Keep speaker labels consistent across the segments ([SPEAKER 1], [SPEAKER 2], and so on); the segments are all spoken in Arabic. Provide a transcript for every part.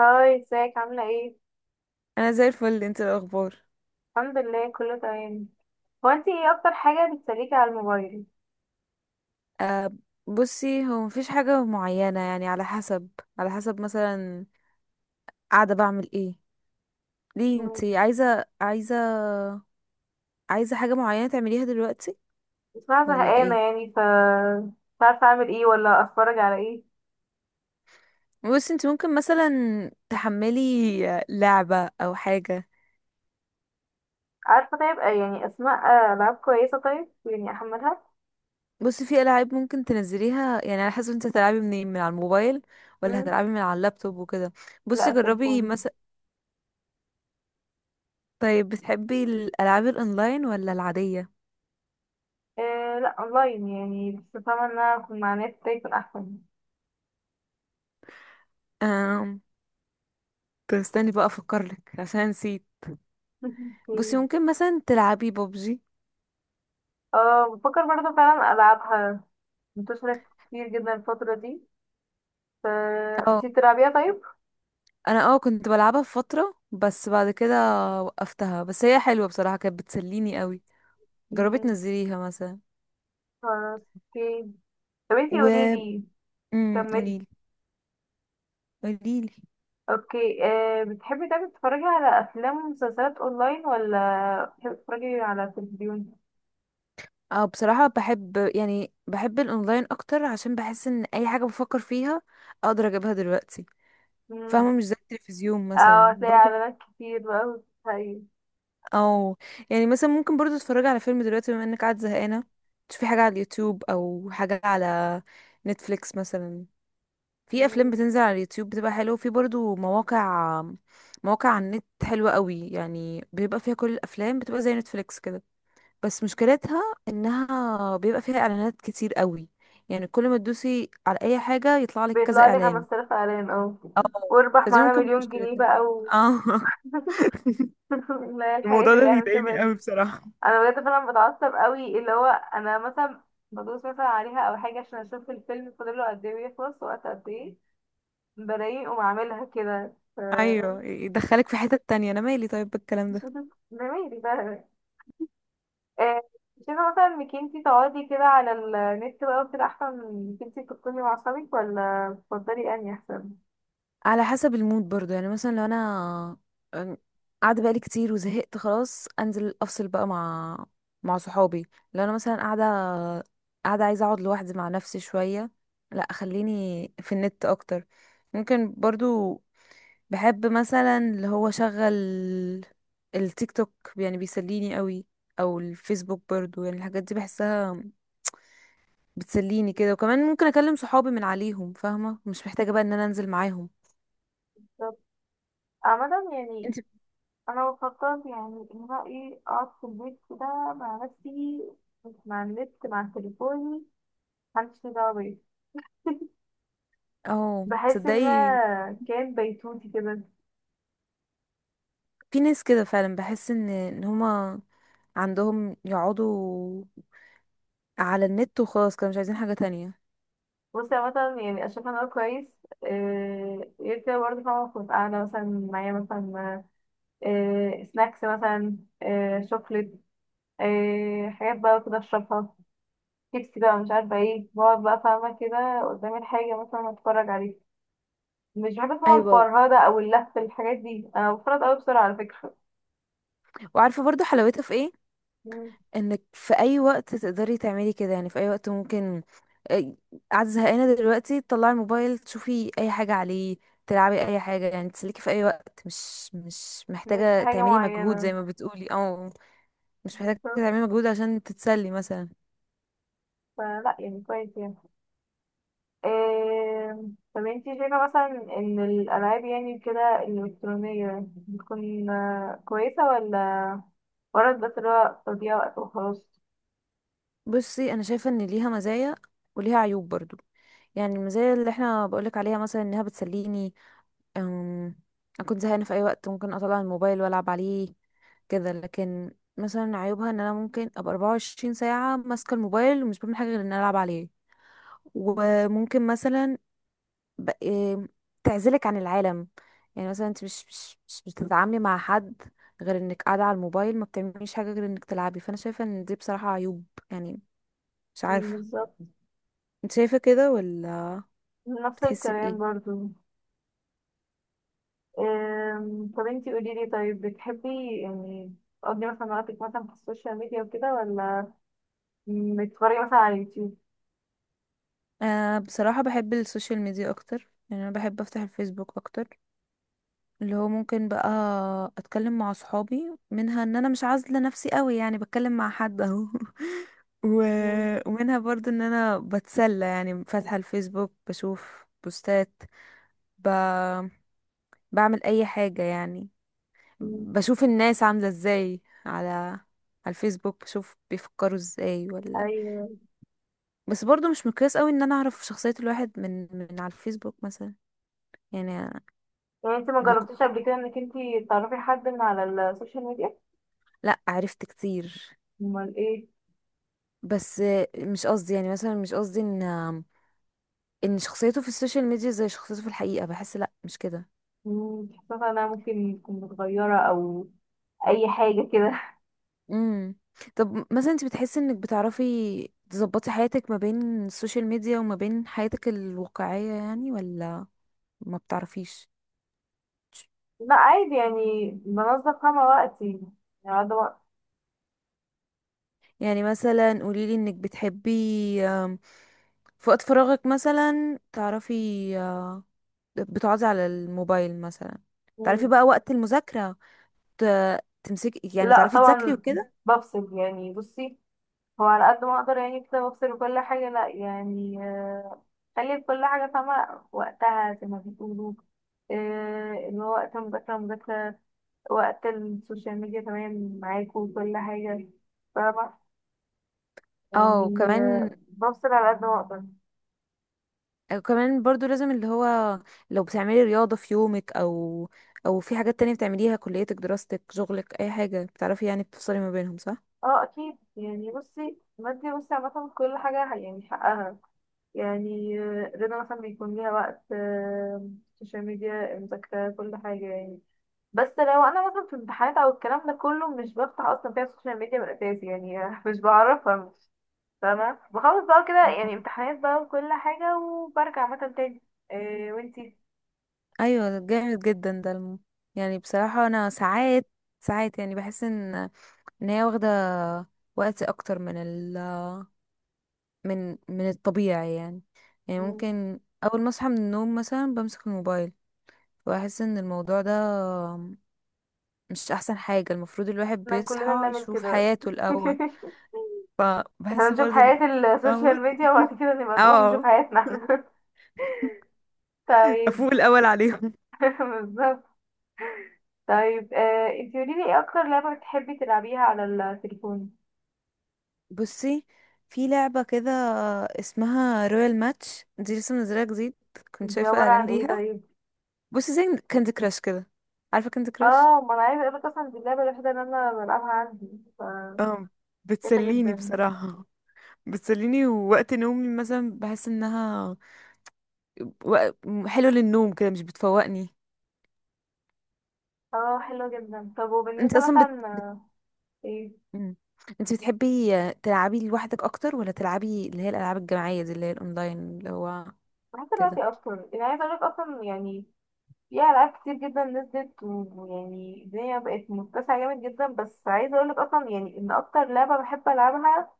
[SPEAKER 1] هاي، ازيك؟ عاملة ايه؟
[SPEAKER 2] انا زي الفل، انت إيه الاخبار؟
[SPEAKER 1] الحمد لله، كله تمام. هو انتي ايه اكتر حاجة بتسليكي على الموبايل؟
[SPEAKER 2] أه بصي هو مفيش حاجه معينه، يعني على حسب. مثلا قاعده بعمل ايه، ليه.
[SPEAKER 1] مم.
[SPEAKER 2] انت عايزه حاجه معينه تعمليها دلوقتي
[SPEAKER 1] بسمعها
[SPEAKER 2] ولا
[SPEAKER 1] زهقانة
[SPEAKER 2] ايه؟
[SPEAKER 1] يعني، ف مش عارفة اعمل ايه ولا اتفرج على ايه.
[SPEAKER 2] بصي انت ممكن مثلا تحملي لعبه او حاجه.
[SPEAKER 1] عارفة طيب، يعني اسماء، العاب كويسة، طيب يعني احملها؟
[SPEAKER 2] بصي في العاب ممكن تنزليها، يعني على حسب انت هتلعبي منين، من على الموبايل ولا
[SPEAKER 1] مم.
[SPEAKER 2] هتلعبي من على اللابتوب وكده.
[SPEAKER 1] لا،
[SPEAKER 2] بصي جربي
[SPEAKER 1] التليفون.
[SPEAKER 2] مثلا. طيب بتحبي الالعاب الاونلاين ولا العاديه؟
[SPEAKER 1] آه لا، اونلاين يعني، بس فاهمة ان انا اكون مع ناس كده يكون احسن.
[SPEAKER 2] كنت استني بقى افكرلك عشان نسيت. بصي
[SPEAKER 1] مم.
[SPEAKER 2] ممكن مثلا تلعبي ببجي.
[SPEAKER 1] اه بفكر برضه فعلا العبها، منتشرة كتير جدا الفترة دي، ف
[SPEAKER 2] اه،
[SPEAKER 1] انتي بتلعبيها طيب؟
[SPEAKER 2] انا اه كنت بلعبها في فترة، بس بعد كده وقفتها. بس هي حلوة بصراحة، كانت بتسليني قوي. جربي
[SPEAKER 1] مم.
[SPEAKER 2] تنزليها مثلا.
[SPEAKER 1] خلاص، اوكي. طب انتي
[SPEAKER 2] و
[SPEAKER 1] قوليلي، كملي.
[SPEAKER 2] قوليلي. قوليلي
[SPEAKER 1] اوكي، بتحبي دايما تتفرجي على افلام ومسلسلات اونلاين ولا بتحبي تتفرجي على التلفزيون؟
[SPEAKER 2] اه بصراحة بحب، يعني بحب الاونلاين اكتر، عشان بحس ان اي حاجة بفكر فيها اقدر اجيبها دلوقتي.
[SPEAKER 1] مم.
[SPEAKER 2] فاهمة، مش زي التلفزيون
[SPEAKER 1] اه
[SPEAKER 2] مثلا.
[SPEAKER 1] هتلاقي اعلانات كتير بقى وتتهيأ.
[SPEAKER 2] او يعني مثلا ممكن برضو تتفرجي على فيلم دلوقتي، بما انك قاعد زهقانه تشوفي حاجه على اليوتيوب او حاجه على نتفليكس مثلا. في افلام
[SPEAKER 1] مم.
[SPEAKER 2] بتنزل على اليوتيوب بتبقى حلوه، وفي برضو مواقع، على النت حلوه قوي، يعني بيبقى فيها كل الافلام، بتبقى زي نتفليكس كده. بس مشكلتها انها بيبقى فيها اعلانات كتير قوي، يعني كل ما تدوسي على اي حاجه يطلع لك كذا
[SPEAKER 1] بيطلع لي
[SPEAKER 2] اعلان.
[SPEAKER 1] 5000 اعلان، اه،
[SPEAKER 2] اه،
[SPEAKER 1] واربح
[SPEAKER 2] فدي
[SPEAKER 1] معانا
[SPEAKER 2] ممكن
[SPEAKER 1] مليون جنيه
[SPEAKER 2] مشكلتها.
[SPEAKER 1] بقى
[SPEAKER 2] اه.
[SPEAKER 1] لا، الحاجات
[SPEAKER 2] الموضوع ده
[SPEAKER 1] اللي احنا بنشوفها
[SPEAKER 2] بيضايقني قوي
[SPEAKER 1] دي،
[SPEAKER 2] بصراحة.
[SPEAKER 1] انا بجد فعلا بتعصب قوي، اللي هو انا مثلا بدوس مثلا عليها او حاجه عشان اشوف الفيلم فاضله قد ايه، ويخلص وقت قد ايه، بلاقيه اقوم عاملها كده.
[SPEAKER 2] ايوه، يدخلك في حتة تانية، انا مالي طيب بالكلام ده.
[SPEAKER 1] جميل ده. آه، شايفة مثلا انك انتي تقعدي كده على النت بقى وكده احسن من انك انتي تكوني مع اصحابك، ولا تفضلي انهي احسن؟
[SPEAKER 2] على حسب المود برضو، يعني مثلا لو انا أم، قاعده بقالي كتير وزهقت خلاص، انزل افصل بقى مع صحابي. لو انا مثلا قاعده عايزه اقعد لوحدي مع نفسي شويه، لا خليني في النت اكتر. ممكن برضو بحب مثلا اللي هو شغل التيك توك، يعني بيسليني قوي، او الفيسبوك برضو، يعني الحاجات دي بحسها بتسليني كده. وكمان ممكن اكلم صحابي من عليهم، فاهمه، مش محتاجه بقى ان انا انزل معاهم.
[SPEAKER 1] طب عامة يعني،
[SPEAKER 2] انت
[SPEAKER 1] انا بفكر يعني ان انا ايه اقعد في البيت كده مع نفسي، مش مع النت، مع تليفوني، محدش ليه دعوة بيا،
[SPEAKER 2] اه
[SPEAKER 1] بحس ان
[SPEAKER 2] تصدقي،
[SPEAKER 1] انا كان بيتوتي كده.
[SPEAKER 2] في ناس كده فعلا، بحس ان هما عندهم يقعدوا على النت وخلاص، كانوا مش عايزين حاجه تانية.
[SPEAKER 1] بصي عامة مثلا، يعني اشوف ان انا كويس. غير كده برضه فاهمة، كنت قاعدة مثلا معايا مثلا سناكس مثلا، شوكليت، حاجات بقى كده اشربها، شيبسي بقى، مش عارفه ايه، بقعد بقى فاهمه كده قدامي الحاجه مثلا اتفرج عليها. مش بحب اسمع
[SPEAKER 2] ايوه و-
[SPEAKER 1] الفرهده او اللف، الحاجات دي انا بفرط قوي بسرعه على فكره.
[SPEAKER 2] وعارفه برضو حلاوتها في ايه،
[SPEAKER 1] مم.
[SPEAKER 2] انك في اي وقت تقدري تعملي كده، يعني في اي وقت ممكن إيه، قاعده زهقانه دلوقتي تطلعي الموبايل تشوفي اي حاجه عليه، تلعبي اي حاجه، يعني تسليكي في اي وقت. مش
[SPEAKER 1] مش
[SPEAKER 2] محتاجه
[SPEAKER 1] حاجه
[SPEAKER 2] تعملي مجهود،
[SPEAKER 1] معينه.
[SPEAKER 2] زي ما بتقولي اه. مش محتاجة
[SPEAKER 1] بالظبط،
[SPEAKER 2] تعملي مجهود عشان تتسلي مثلا.
[SPEAKER 1] فلا يعني كويس يعني. آه، طب انتي شايفه مثلا ان الالعاب يعني كده الالكترونيه بتكون كويسه، ولا مجرد بس اللي هو تضييع وقت وخلاص؟
[SPEAKER 2] بصي انا شايفة ان ليها مزايا وليها عيوب برضو. يعني المزايا اللي احنا بقولك عليها مثلا انها بتسليني. أم... انا كنت زهقانة في اي وقت ممكن اطلع الموبايل والعب عليه كده. لكن مثلا عيوبها، ان انا ممكن ابقى 24 ساعة ماسكة الموبايل ومش بعمل حاجة غير ان أنا العب عليه. وممكن مثلا ب... إيه، تعزلك عن العالم، يعني مثلا انت مش بتتعاملي مع حد غير انك قاعده على الموبايل، ما بتعمليش حاجه غير انك تلعبي. فانا شايفه ان دي بصراحه عيوب، يعني. مش
[SPEAKER 1] مم،
[SPEAKER 2] عارفه،
[SPEAKER 1] بالظبط.
[SPEAKER 2] انت شايفه كده ولا؟
[SPEAKER 1] نفس
[SPEAKER 2] بتحسي
[SPEAKER 1] الكلام
[SPEAKER 2] بايه؟
[SPEAKER 1] برضو. طب انتي قولي لي، طيب بتحبي يعني تقضي مثلا وقتك مثلا في السوشيال ميديا وكده، ولا بتتفرجي مثلا على اليوتيوب؟
[SPEAKER 2] آه بصراحه بحب السوشيال ميديا اكتر، يعني انا بحب افتح الفيسبوك اكتر. اللي هو ممكن بقى اتكلم مع صحابي منها، ان انا مش عازله نفسي قوي، يعني بتكلم مع حد اهو. و...
[SPEAKER 1] مم.
[SPEAKER 2] ومنها برضو ان انا بتسلى، يعني فاتحه الفيسبوك بشوف بوستات، ب... بعمل اي حاجة يعني،
[SPEAKER 1] مم.
[SPEAKER 2] بشوف الناس عاملة ازاي على الفيسبوك، بشوف بيفكروا ازاي ولا.
[SPEAKER 1] ايوه.
[SPEAKER 2] بس برضو مش مقياس قوي ان انا اعرف شخصية الواحد من على الفيسبوك مثلا، يعني.
[SPEAKER 1] يعني انتي ما
[SPEAKER 2] بيكو...
[SPEAKER 1] جربتيش قبل كده انك انتي تعرفي حد من على السوشيال ميديا؟
[SPEAKER 2] لا عرفت كتير،
[SPEAKER 1] امال ايه.
[SPEAKER 2] بس مش قصدي، يعني مثلا مش قصدي ان شخصيته في السوشيال ميديا زي شخصيته في الحقيقة. بحس لا، مش كده.
[SPEAKER 1] مم، بتحسي مثلا انها ممكن تكون متغيرة او اي حاجة كده؟
[SPEAKER 2] امم. طب مثلا انت بتحسي انك بتعرفي تظبطي حياتك ما بين السوشيال ميديا وما بين حياتك الواقعية، يعني، ولا ما بتعرفيش؟
[SPEAKER 1] لا عادي يعني، بنظم فاهمة وقتي يعني، قاعدة وقت.
[SPEAKER 2] يعني مثلا قوليلي انك بتحبي آم، في وقت فراغك مثلا تعرفي آه، بتقعدي على الموبايل مثلا، تعرفي
[SPEAKER 1] مم.
[SPEAKER 2] بقى وقت المذاكرة تمسكي، يعني
[SPEAKER 1] لا
[SPEAKER 2] تعرفي تذاكري
[SPEAKER 1] طبعا.
[SPEAKER 2] وكده.
[SPEAKER 1] بفصل يعني، بصي، هو على قد ما اقدر يعني كده بفصل كل حاجة، لا يعني، خلي كل حاجة فاهمة وقتها زي ما بيقولوا، آه، اللي هو وقت المذاكرة مذاكرة، وقت السوشيال ميديا تمام، معاكوا وكل حاجة، فاهمة؟
[SPEAKER 2] اه،
[SPEAKER 1] يعني
[SPEAKER 2] وكمان
[SPEAKER 1] بفصل على قد ما اقدر.
[SPEAKER 2] برضو لازم اللي هو لو بتعملي رياضة في يومك، او او في حاجات تانية بتعمليها، كليتك، دراستك، شغلك، اي حاجة بتعرفي يعني بتفصلي ما بينهم، صح.
[SPEAKER 1] اه اكيد يعني، بصي، بدي بصي عامة كل حاجة يعني حقها، يعني رضا مثلا بيكون ليها وقت، السوشيال ميديا، المذاكرة، كل حاجة يعني. بس لو انا مثلا في امتحانات او الكلام ده كله، مش بفتح اصلا فيها السوشيال ميديا من الاساس يعني، مش بعرفها، مش فاهمه، بخلص بقى كده يعني امتحانات بقى وكل حاجه، وبرجع مثلا تاني. إيه وانتي؟
[SPEAKER 2] ايوه، ده جامد جدا، ده يعني بصراحة انا ساعات يعني بحس ان هي واخدة وقت اكتر من ال... من من الطبيعي، يعني. يعني
[SPEAKER 1] مم.
[SPEAKER 2] ممكن اول ما اصحى من النوم مثلا بمسك الموبايل، واحس ان الموضوع ده مش احسن حاجة، المفروض الواحد
[SPEAKER 1] احنا
[SPEAKER 2] بيصحى
[SPEAKER 1] كلنا بنعمل
[SPEAKER 2] يشوف
[SPEAKER 1] كده.
[SPEAKER 2] حياته الاول.
[SPEAKER 1] احنا
[SPEAKER 2] فبحس
[SPEAKER 1] نشوف
[SPEAKER 2] برضه إن-
[SPEAKER 1] حياة
[SPEAKER 2] فاهمة.
[SPEAKER 1] السوشيال ميديا، وبعد كده نبقى نقوم نشوف
[SPEAKER 2] اه،
[SPEAKER 1] حياتنا احنا. طيب.
[SPEAKER 2] افوق الاول عليهم.
[SPEAKER 1] بالظبط. طيب، انتي قوليلي، ايه اكتر لعبة بتحبي تلعبيها على التليفون؟
[SPEAKER 2] بصي في لعبة كده اسمها رويال ماتش، دي لسه منزلها جديد، كنت
[SPEAKER 1] دي
[SPEAKER 2] شايفة
[SPEAKER 1] عبارة
[SPEAKER 2] اعلان
[SPEAKER 1] عن ايه
[SPEAKER 2] ليها.
[SPEAKER 1] طيب؟
[SPEAKER 2] بصي زي كاندي كراش كده، عارفة كاندي كراش.
[SPEAKER 1] اه ما انا عايزه اقولك، اصلا دي اللعبه الوحيده اللي انا بلعبها عندي، ف
[SPEAKER 2] اه،
[SPEAKER 1] كويسه
[SPEAKER 2] بتسليني
[SPEAKER 1] جدا.
[SPEAKER 2] بصراحة. بتسليني ووقت نومي مثلا بحس انها وق- حلوة للنوم كده، مش بتفوقني.
[SPEAKER 1] اه حلوه جدا. طب
[SPEAKER 2] انت
[SPEAKER 1] وبالنسبه
[SPEAKER 2] اصلا بت... بت...
[SPEAKER 1] مثلا، ايه،
[SPEAKER 2] مم. انت بتحبي تلعبي لوحدك اكتر، ولا تلعبي اللي هي الالعاب الجماعية دي اللي هي الاونلاين اللي هو
[SPEAKER 1] بحس
[SPEAKER 2] كده؟
[SPEAKER 1] دلوقتي اكتر يعني، عايزه اقولك اصلا يعني، في العاب كتير جدا نزلت، ويعني الدنيا بقت متسعه جامد جدا، بس عايزه اقولك اصلا يعني ان اكتر لعبه بحب العبها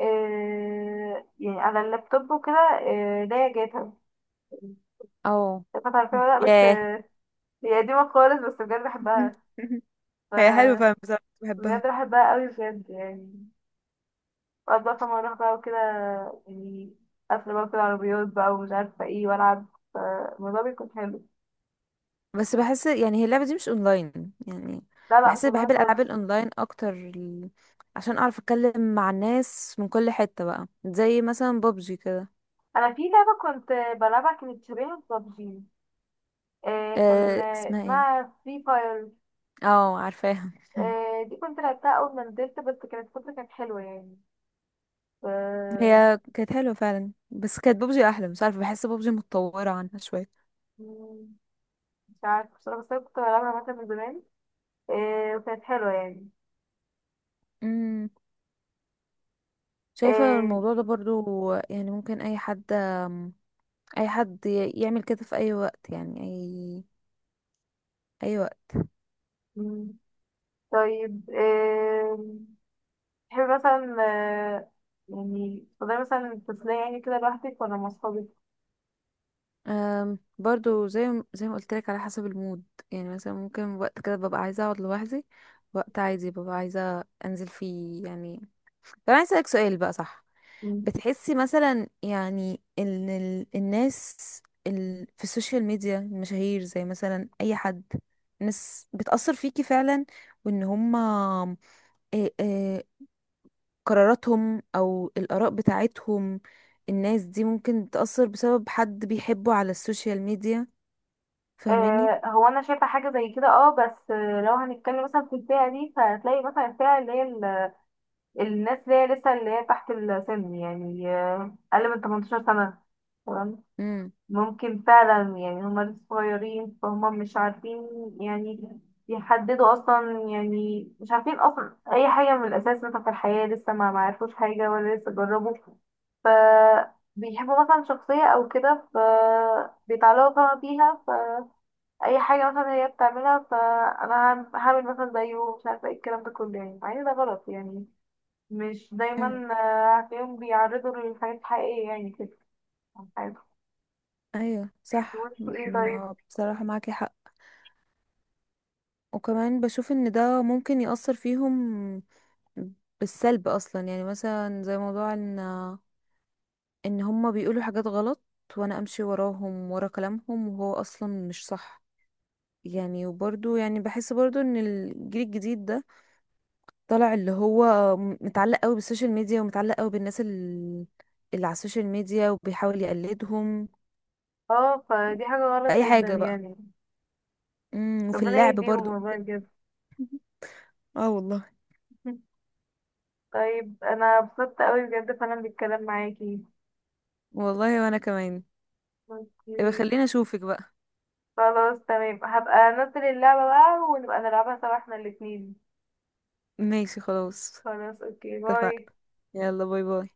[SPEAKER 1] يعني على اللابتوب وكده، اللي هي جاتا.
[SPEAKER 2] او
[SPEAKER 1] جاتا، عارفاها ولا لا؟ بس
[SPEAKER 2] ياه.
[SPEAKER 1] هي قديمه خالص، بس بجد بحبها، ف
[SPEAKER 2] هي حلوة فعلا بصراحة، كنت بحبها.
[SPEAKER 1] بجد بحبها قوي بجد يعني. وقعد بقى فاهمة اروح بقى وكده يعني، قافلة بقى في العربيات بقى ومش عارفة ايه، والعب، فالموضوع بيكون حلو.
[SPEAKER 2] بس بحس يعني هي اللعبة دي مش اونلاين، يعني
[SPEAKER 1] لا لا،
[SPEAKER 2] بحس
[SPEAKER 1] مش
[SPEAKER 2] بحب
[SPEAKER 1] اونلاين
[SPEAKER 2] الالعاب
[SPEAKER 1] خالص.
[SPEAKER 2] الاونلاين اكتر، عشان اعرف اتكلم مع الناس من كل حتة بقى، زي مثلا بابجي كده.
[SPEAKER 1] انا في لعبة كنت بلعبها، كانت شبيهة ببجي، آه، كان
[SPEAKER 2] أه اسمها ايه،
[SPEAKER 1] اسمها فري فاير.
[SPEAKER 2] اه عارفاها.
[SPEAKER 1] آه دي كنت لعبتها اول ما نزلت، بس كانت فترة كانت حلوة يعني. ف
[SPEAKER 2] هي كانت حلوة فعلا، بس كانت بابجي احلى، مش عارفة، بحس بابجي متطورة عنها شوية.
[SPEAKER 1] مم، مش عارفة بصراحة، بس انا كنت بلعبها مثلا من زمان، وكانت حلوة يعني.
[SPEAKER 2] امم، شايفة
[SPEAKER 1] آه
[SPEAKER 2] الموضوع ده برضو، يعني ممكن اي حد يعمل كده في اي وقت، يعني اي
[SPEAKER 1] مم، طيب. تحبي مثلا، يعني تفضلي مثلا تفصلي يعني كده لوحدك ولا مع صحابك؟
[SPEAKER 2] برضو زي ما قلت لك، على حسب المود. يعني مثلا ممكن وقت كده ببقى عايزه اقعد لوحدي، وقت عادي ببقى عايزه انزل فيه، يعني. طب انا اسالك سؤال بقى، صح؟
[SPEAKER 1] مم.
[SPEAKER 2] بتحسي مثلا يعني ان الناس في السوشيال ميديا، المشاهير، زي مثلا اي حد، ناس بتأثر فيكي فعلا، وان هما إيه إيه قراراتهم او الآراء بتاعتهم، الناس دي ممكن تأثر بسبب حد بيحبه على السوشيال ميديا. فاهماني؟
[SPEAKER 1] هو انا شايفه حاجه زي كده اه، بس لو هنتكلم مثلا في الفئه دي، فهتلاقي مثلا الفئه اللي هي الناس اللي هي لسه، اللي هي تحت السن يعني، اقل من 18 سنه،
[SPEAKER 2] امم،
[SPEAKER 1] ممكن فعلا يعني، هما لسه صغيرين، فهما مش عارفين يعني يحددوا اصلا يعني، مش عارفين اصلا اي حاجه من الاساس، مثلا في الحياه لسه ما معرفوش حاجه ولا لسه جربوا، ف بيحبوا مثلا شخصيه او كده، ف بيتعلقوا طبعا بيها، فاي حاجه مثلا هي بتعملها، فانا هعمل مثلا زيه، مش عارفه ايه الكلام ده كله يعني، مع ان ده غلط يعني، مش دايما.
[SPEAKER 2] ايوه.
[SPEAKER 1] هتلاقيهم بيعرضوا للحاجات الحقيقيه يعني كده عن حياتهم.
[SPEAKER 2] ايوه،
[SPEAKER 1] طب
[SPEAKER 2] صح،
[SPEAKER 1] وانتوا ايه طيب؟
[SPEAKER 2] ما بصراحة معاكي حق. وكمان بشوف ان ده ممكن يأثر فيهم بالسلب اصلا، يعني مثلا زي موضوع ان هما بيقولوا حاجات غلط، وانا امشي وراهم ورا كلامهم وهو اصلا مش صح يعني. وبرضو يعني بحس برضو ان الجيل الجديد ده طالع اللي هو متعلق قوي بالسوشيال ميديا، ومتعلق قوي بالناس اللي على السوشيال ميديا، وبيحاول يقلدهم
[SPEAKER 1] اه فدي حاجة غلط
[SPEAKER 2] اي
[SPEAKER 1] جدا
[SPEAKER 2] حاجة بقى.
[SPEAKER 1] يعني.
[SPEAKER 2] امم، وفي
[SPEAKER 1] ربنا
[SPEAKER 2] اللعب
[SPEAKER 1] يهديهم
[SPEAKER 2] برضو
[SPEAKER 1] والله
[SPEAKER 2] ممكن.
[SPEAKER 1] بجد.
[SPEAKER 2] اه والله.
[SPEAKER 1] طيب انا اتبسطت قوي بجد فعلا بالكلام معاكي.
[SPEAKER 2] والله وانا كمان. يبقى
[SPEAKER 1] ماشي.
[SPEAKER 2] خليني اشوفك بقى.
[SPEAKER 1] خلاص تمام، هبقى انزل اللعبة بقى ونبقى نلعبها سوا احنا الاتنين.
[SPEAKER 2] ماشي خلاص،
[SPEAKER 1] خلاص اوكي، باي.
[SPEAKER 2] اتفقنا، يلا باي باي.